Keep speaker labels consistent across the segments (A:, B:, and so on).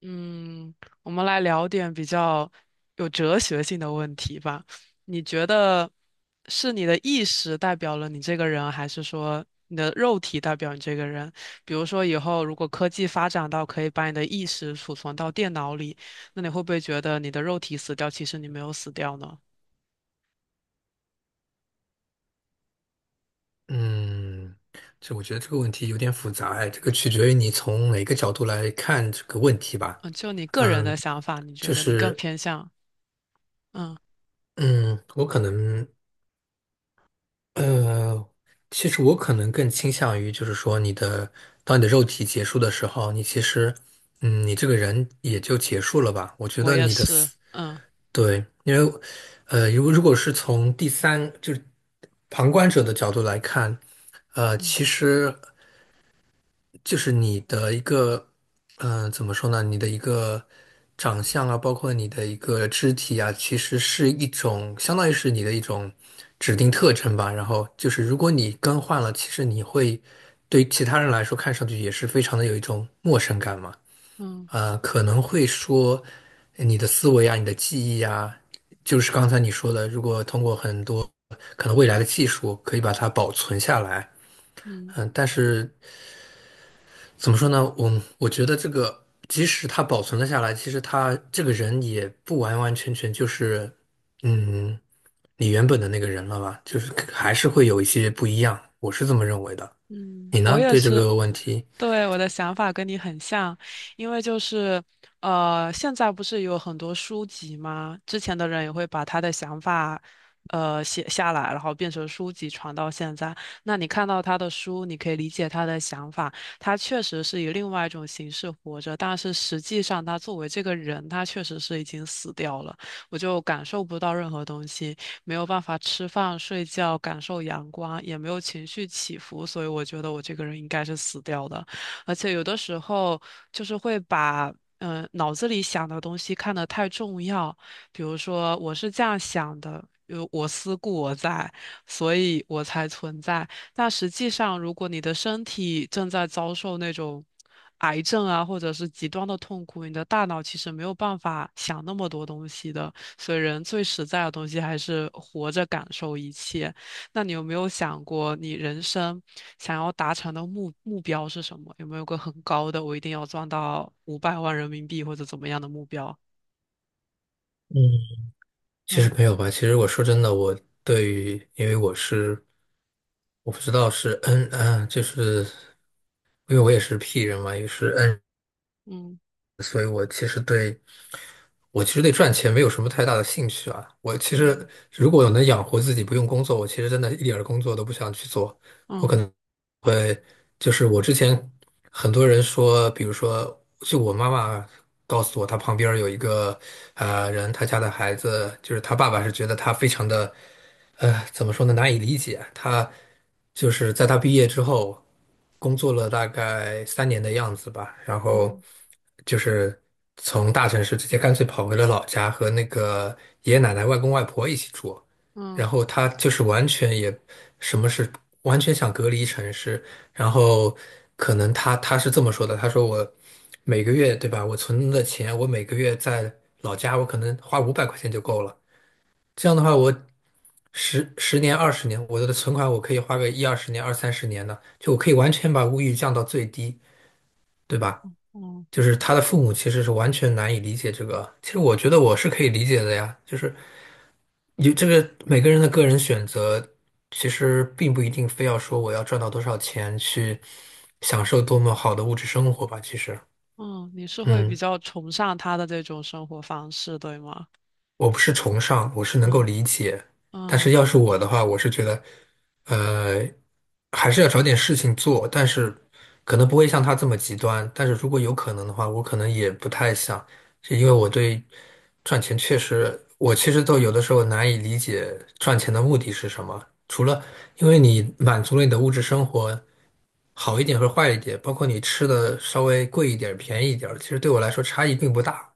A: 嗯，我们来聊点比较有哲学性的问题吧。你觉得是你的意识代表了你这个人，还是说你的肉体代表你这个人？比如说，以后如果科技发展到可以把你的意识储存到电脑里，那你会不会觉得你的肉体死掉，其实你没有死掉呢？
B: 嗯，这我觉得这个问题有点复杂哎，这个取决于你从哪个角度来看这个问题吧。
A: 嗯，就你个人的
B: 嗯，
A: 想法，你觉
B: 就
A: 得你更
B: 是
A: 偏向？嗯，
B: 嗯，我可能呃，其实我可能更倾向于就是说，当你的肉体结束的时候，你其实嗯，你这个人也就结束了吧。我觉
A: 我
B: 得
A: 也
B: 你的
A: 是。
B: 思
A: 嗯
B: 对，因为如果是从第三就是旁观者的角度来看。
A: 嗯
B: 其实就是你的一个，怎么说呢？你的一个长相啊，包括你的一个肢体啊，其实是一种，相当于是你的一种指定特征吧。然后就是，如果你更换了，其实你会对其他人来说看上去也是非常的有一种陌生感嘛。
A: 嗯
B: 啊，可能会说你的思维啊，你的记忆啊，就是刚才你说的，如果通过很多可能未来的技术可以把它保存下来，
A: 嗯
B: 但是。怎么说呢？我觉得这个，即使他保存了下来，其实他这个人也不完完全全就是，嗯，你原本的那个人了吧？就是还是会有一些不一样，我是这么认为的。
A: 嗯，
B: 你
A: 我
B: 呢？
A: 也
B: 对这
A: 是。
B: 个问题？
A: 对，我的想法跟你很像，因为就是，现在不是有很多书籍吗？之前的人也会把他的想法，写下来，然后变成书籍传到现在。那你看到他的书，你可以理解他的想法，他确实是以另外一种形式活着，但是实际上他作为这个人，他确实是已经死掉了，我就感受不到任何东西，没有办法吃饭、睡觉、感受阳光，也没有情绪起伏，所以我觉得我这个人应该是死掉的。而且有的时候就是会把脑子里想的东西看得太重要，比如说我是这样想的，有我思故我在，所以我才存在。但实际上，如果你的身体正在遭受那种癌症啊，或者是极端的痛苦，你的大脑其实没有办法想那么多东西的。所以，人最实在的东西还是活着感受一切。那你有没有想过，你人生想要达成的目标是什么？有没有个很高的，我一定要赚到500万人民币或者怎么样的目标？
B: 嗯，其实
A: 嗯
B: 没有吧。其实我说真的，我对于，因为我是，我不知道是 N 啊，就是因为我也是 P 人嘛，也是 N。
A: 嗯
B: 所以我其实对赚钱没有什么太大的兴趣啊。我其实
A: 嗯
B: 如果能养活自己不用工作，我其实真的一点儿工作都不想去做。我可
A: 嗯
B: 能。会。就是我之前很多人说，比如说，就我妈妈告诉我，她旁边儿有一个人，她家的孩子，就是她爸爸是觉得她非常的，怎么说呢，难以理解。她就是在他毕业之后，工作了大概3年的样子吧，然后
A: 嗯
B: 就是从大城市直接干脆跑回了老家，和那个爷爷奶奶、外公外婆一起住。
A: 嗯
B: 然后他就是完全也什么是完全想隔离城市，然后可能他是这么说的，他说我每个月对吧，我存的钱，我每个月在老家，我可能花500块钱就够了。这样的话，我十年、二十年，我的存款我可以花个一二十年、二三十年的，就我可以完全把物欲降到最低，对吧？
A: 嗯
B: 就是他的父母其实是完全难以理解这个，其实我觉得我是可以理解的呀，就是。有这个每个人的个人选择，其实并不一定非要说我要赚到多少钱去享受多么好的物质生活吧。其实，
A: 嗯，你是会比
B: 嗯，
A: 较崇尚他的这种生活方式，对吗？
B: 我不是崇尚，我是能够
A: 嗯
B: 理解。但是
A: 嗯。
B: 要是我的话，我是觉得，呃，还是要找点事情做，但是可能不会像他这么极端。但是如果有可能的话，我可能也不太想，是因为我对赚钱确实，我其实都有的时候难以理解赚钱的目的是什么。除了因为你满足了你的物质生活好一点和坏一点，包括你吃的稍微贵一点、便宜一点，其实对我来说差异并不大。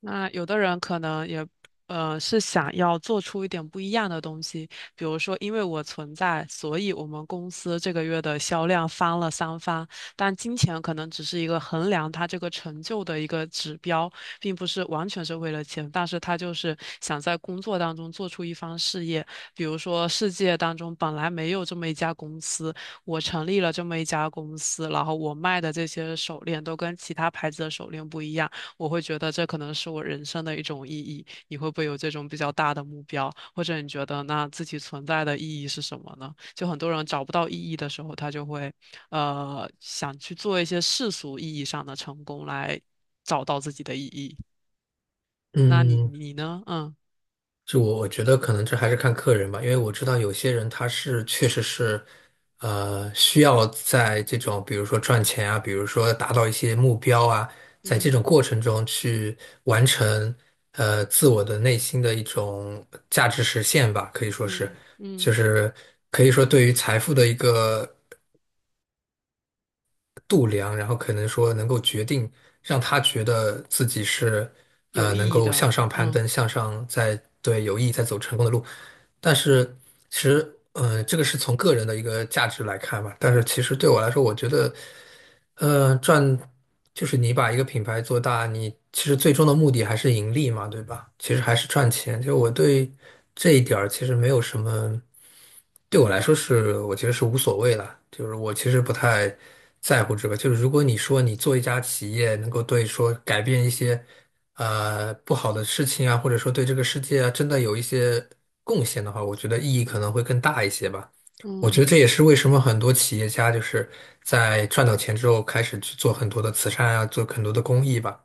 A: 那有的人可能也，是想要做出一点不一样的东西，比如说，因为我存在，所以我们公司这个月的销量翻了三番。但金钱可能只是一个衡量他这个成就的一个指标，并不是完全是为了钱，但是他就是想在工作当中做出一番事业。比如说，世界当中本来没有这么一家公司，我成立了这么一家公司，然后我卖的这些手链都跟其他牌子的手链不一样。我会觉得这可能是我人生的一种意义。你会不会有这种比较大的目标，或者你觉得那自己存在的意义是什么呢？就很多人找不到意义的时候，他就会想去做一些世俗意义上的成功来找到自己的意义。那你
B: 嗯，
A: 你呢？嗯
B: 就我觉得可能这还是看客人吧，因为我知道有些人他是确实是，需要在这种比如说赚钱啊，比如说达到一些目标啊，在这
A: 嗯
B: 种过程中去完成自我的内心的一种价值实现吧，可以说是，
A: 嗯嗯，
B: 就是可以说对于财富的一个度量，然后可能说能够决定让他觉得自己是
A: 有
B: 能
A: 意义
B: 够
A: 的，
B: 向上攀
A: 嗯
B: 登，向上在对有意在走成功的路。但是其实，这个是从个人的一个价值来看吧。但是其实对我来说，我觉得。呃，赚就是你把一个品牌做大，你其实最终的目的还是盈利嘛，对吧？其实还是赚钱。就我对这一点儿其实没有什么，对我来说是我觉得是无所谓了。就是我其实不太在乎这个。就是如果你说你做一家企业能够对说改变一些不好的事情啊，或者说对这个世界啊真的有一些贡献的话，我觉得意义可能会更大一些吧。我觉
A: 嗯。
B: 得这也是为什么很多企业家就是在赚到钱之后开始去做很多的慈善啊，做很多的公益吧。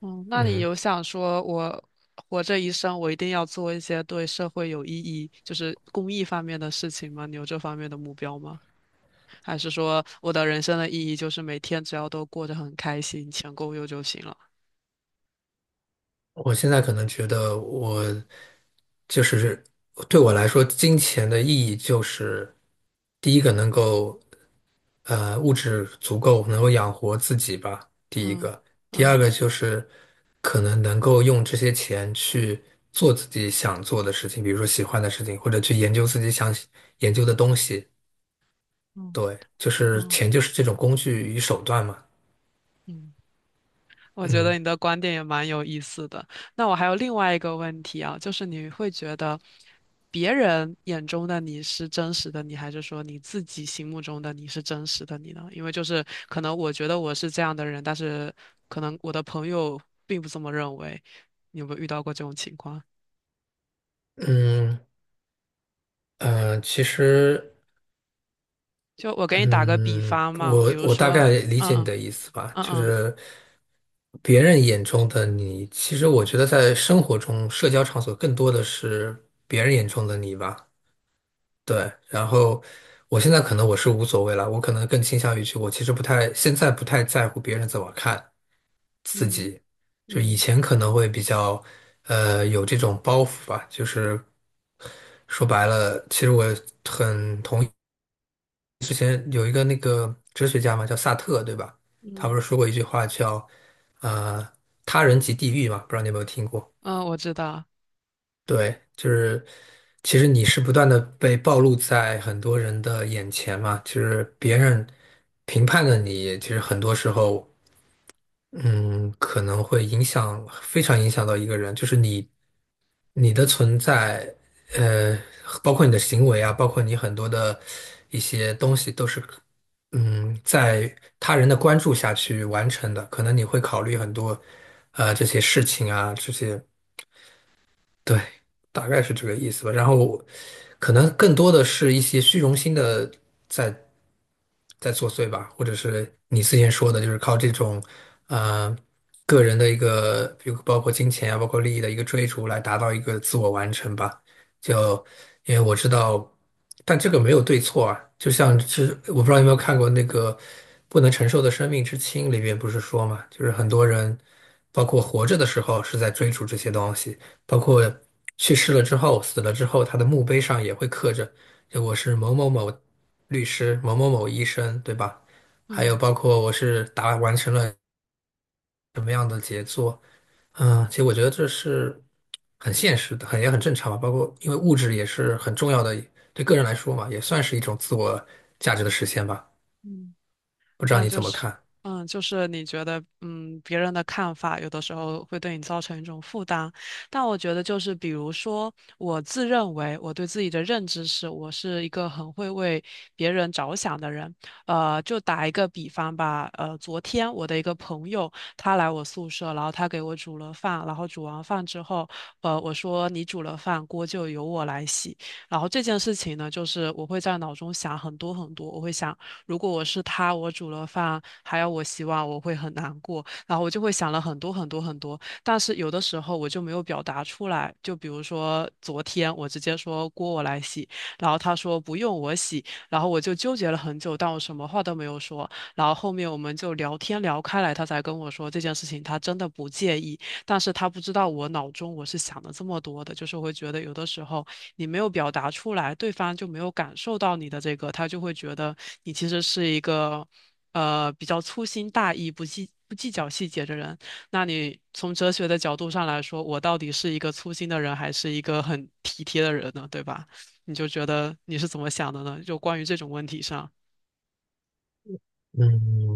A: 嗯，那你
B: 嗯，
A: 有想说，我活这一生，我一定要做一些对社会有意义，就是公益方面的事情吗？你有这方面的目标吗？还是说我的人生的意义就是每天只要都过得很开心，钱够用就行了？
B: 我现在可能觉得我就是对我来说，金钱的意义就是第一个能够物质足够能够养活自己吧，第一
A: 嗯
B: 个，第二
A: 嗯
B: 个就是可能能够用这些钱去做自己想做的事情，比如说喜欢的事情，或者去研究自己想研究的东西。
A: 嗯
B: 对，就是
A: 嗯
B: 钱就是这种工具与手段嘛。
A: 嗯。我觉得
B: 嗯
A: 你的观点也蛮有意思的。那我还有另外一个问题啊，就是你会觉得别人眼中的你是真实的你，还是说你自己心目中的你是真实的你呢？因为就是可能我觉得我是这样的人，但是可能我的朋友并不这么认为。你有没有遇到过这种情况？
B: 嗯。其实
A: 就我给你打个比
B: 嗯，
A: 方嘛，比
B: 我
A: 如
B: 我大
A: 说，
B: 概理解你
A: 嗯
B: 的意思吧，
A: 嗯
B: 就
A: 嗯
B: 是别人眼中的你，其实我觉得在生活中，社交场所更多的是别人眼中的你吧。对，然后我现在可能我是无所谓了，我可能更倾向于去，我其实不太，现在不太在乎别人怎么看，自
A: 嗯
B: 己，就以
A: 嗯
B: 前可能会比较有这种包袱吧，就是说白了，其实我之前有一个那个哲学家嘛，叫萨特，对吧？
A: 嗯
B: 他不
A: 嗯，
B: 是说过一句话叫呃“他人即地狱"嘛，不知道你有没有听过？
A: 嗯，我知道，
B: 对，就是其实你是不断的被暴露在很多人的眼前嘛，就是别人评判的你，其实很多时候。嗯，可能会影响，非常影响到一个人，就是你，你的存在，呃，包括你的行为啊，包括你很多的一些东西，都是，在他人的关注下去完成的。可能你会考虑很多，这些事情啊，这些。对，大概是这个意思吧。然后，可能更多的是一些虚荣心的在在作祟吧，或者是你之前说的，就是靠这种呃个人的一个，比如包括金钱啊，包括利益的一个追逐，来达到一个自我完成吧。就因为我知道，但这个没有对错啊。就像是我不知道有没有看过那个《不能承受的生命之轻》里面不是说嘛，就是很多人包括活着的时候是在追逐这些东西。包括去世了之后、死了之后，他的墓碑上也会刻着，就我是某某某律师、某某某医生，对吧？还有
A: 嗯
B: 包括我是完成了，嗯，其实我觉得这是很现实的，很也很正常吧。包括因为物质也是很重要的，对个人来说嘛，也算是一种自我价值的实现吧。
A: 嗯。
B: 不知道
A: 那
B: 你
A: 就
B: 怎么
A: 是，
B: 看？
A: 嗯，就是你觉得，嗯，别人的看法有的时候会对你造成一种负担，但我觉得就是，比如说，我自认为我对自己的认知是，我是一个很会为别人着想的人。就打一个比方吧，昨天我的一个朋友他来我宿舍，然后他给我煮了饭，然后煮完饭之后，我说你煮了饭，锅就由我来洗。然后这件事情呢，就是我会在脑中想很多很多，我会想。如果我是他，我煮了饭还要我洗碗，我会很难过。然后我就会想了很多很多很多，但是有的时候我就没有表达出来。就比如说昨天，我直接说锅我来洗，然后他说不用我洗，然后我就纠结了很久，但我什么话都没有说。然后后面我们就聊天聊开来，他才跟我说这件事情他真的不介意，但是他不知道我脑中我是想了这么多的，就是会觉得有的时候。你没有表达出来，对方就没有感受到你的这个，他就会觉得你其实是一个比较粗心大意、不计较细节的人。那你从哲学的角度上来说，我到底是一个粗心的人，还是一个很体贴的人呢？对吧？你就觉得你是怎么想的呢？就关于这种问题上。
B: 嗯。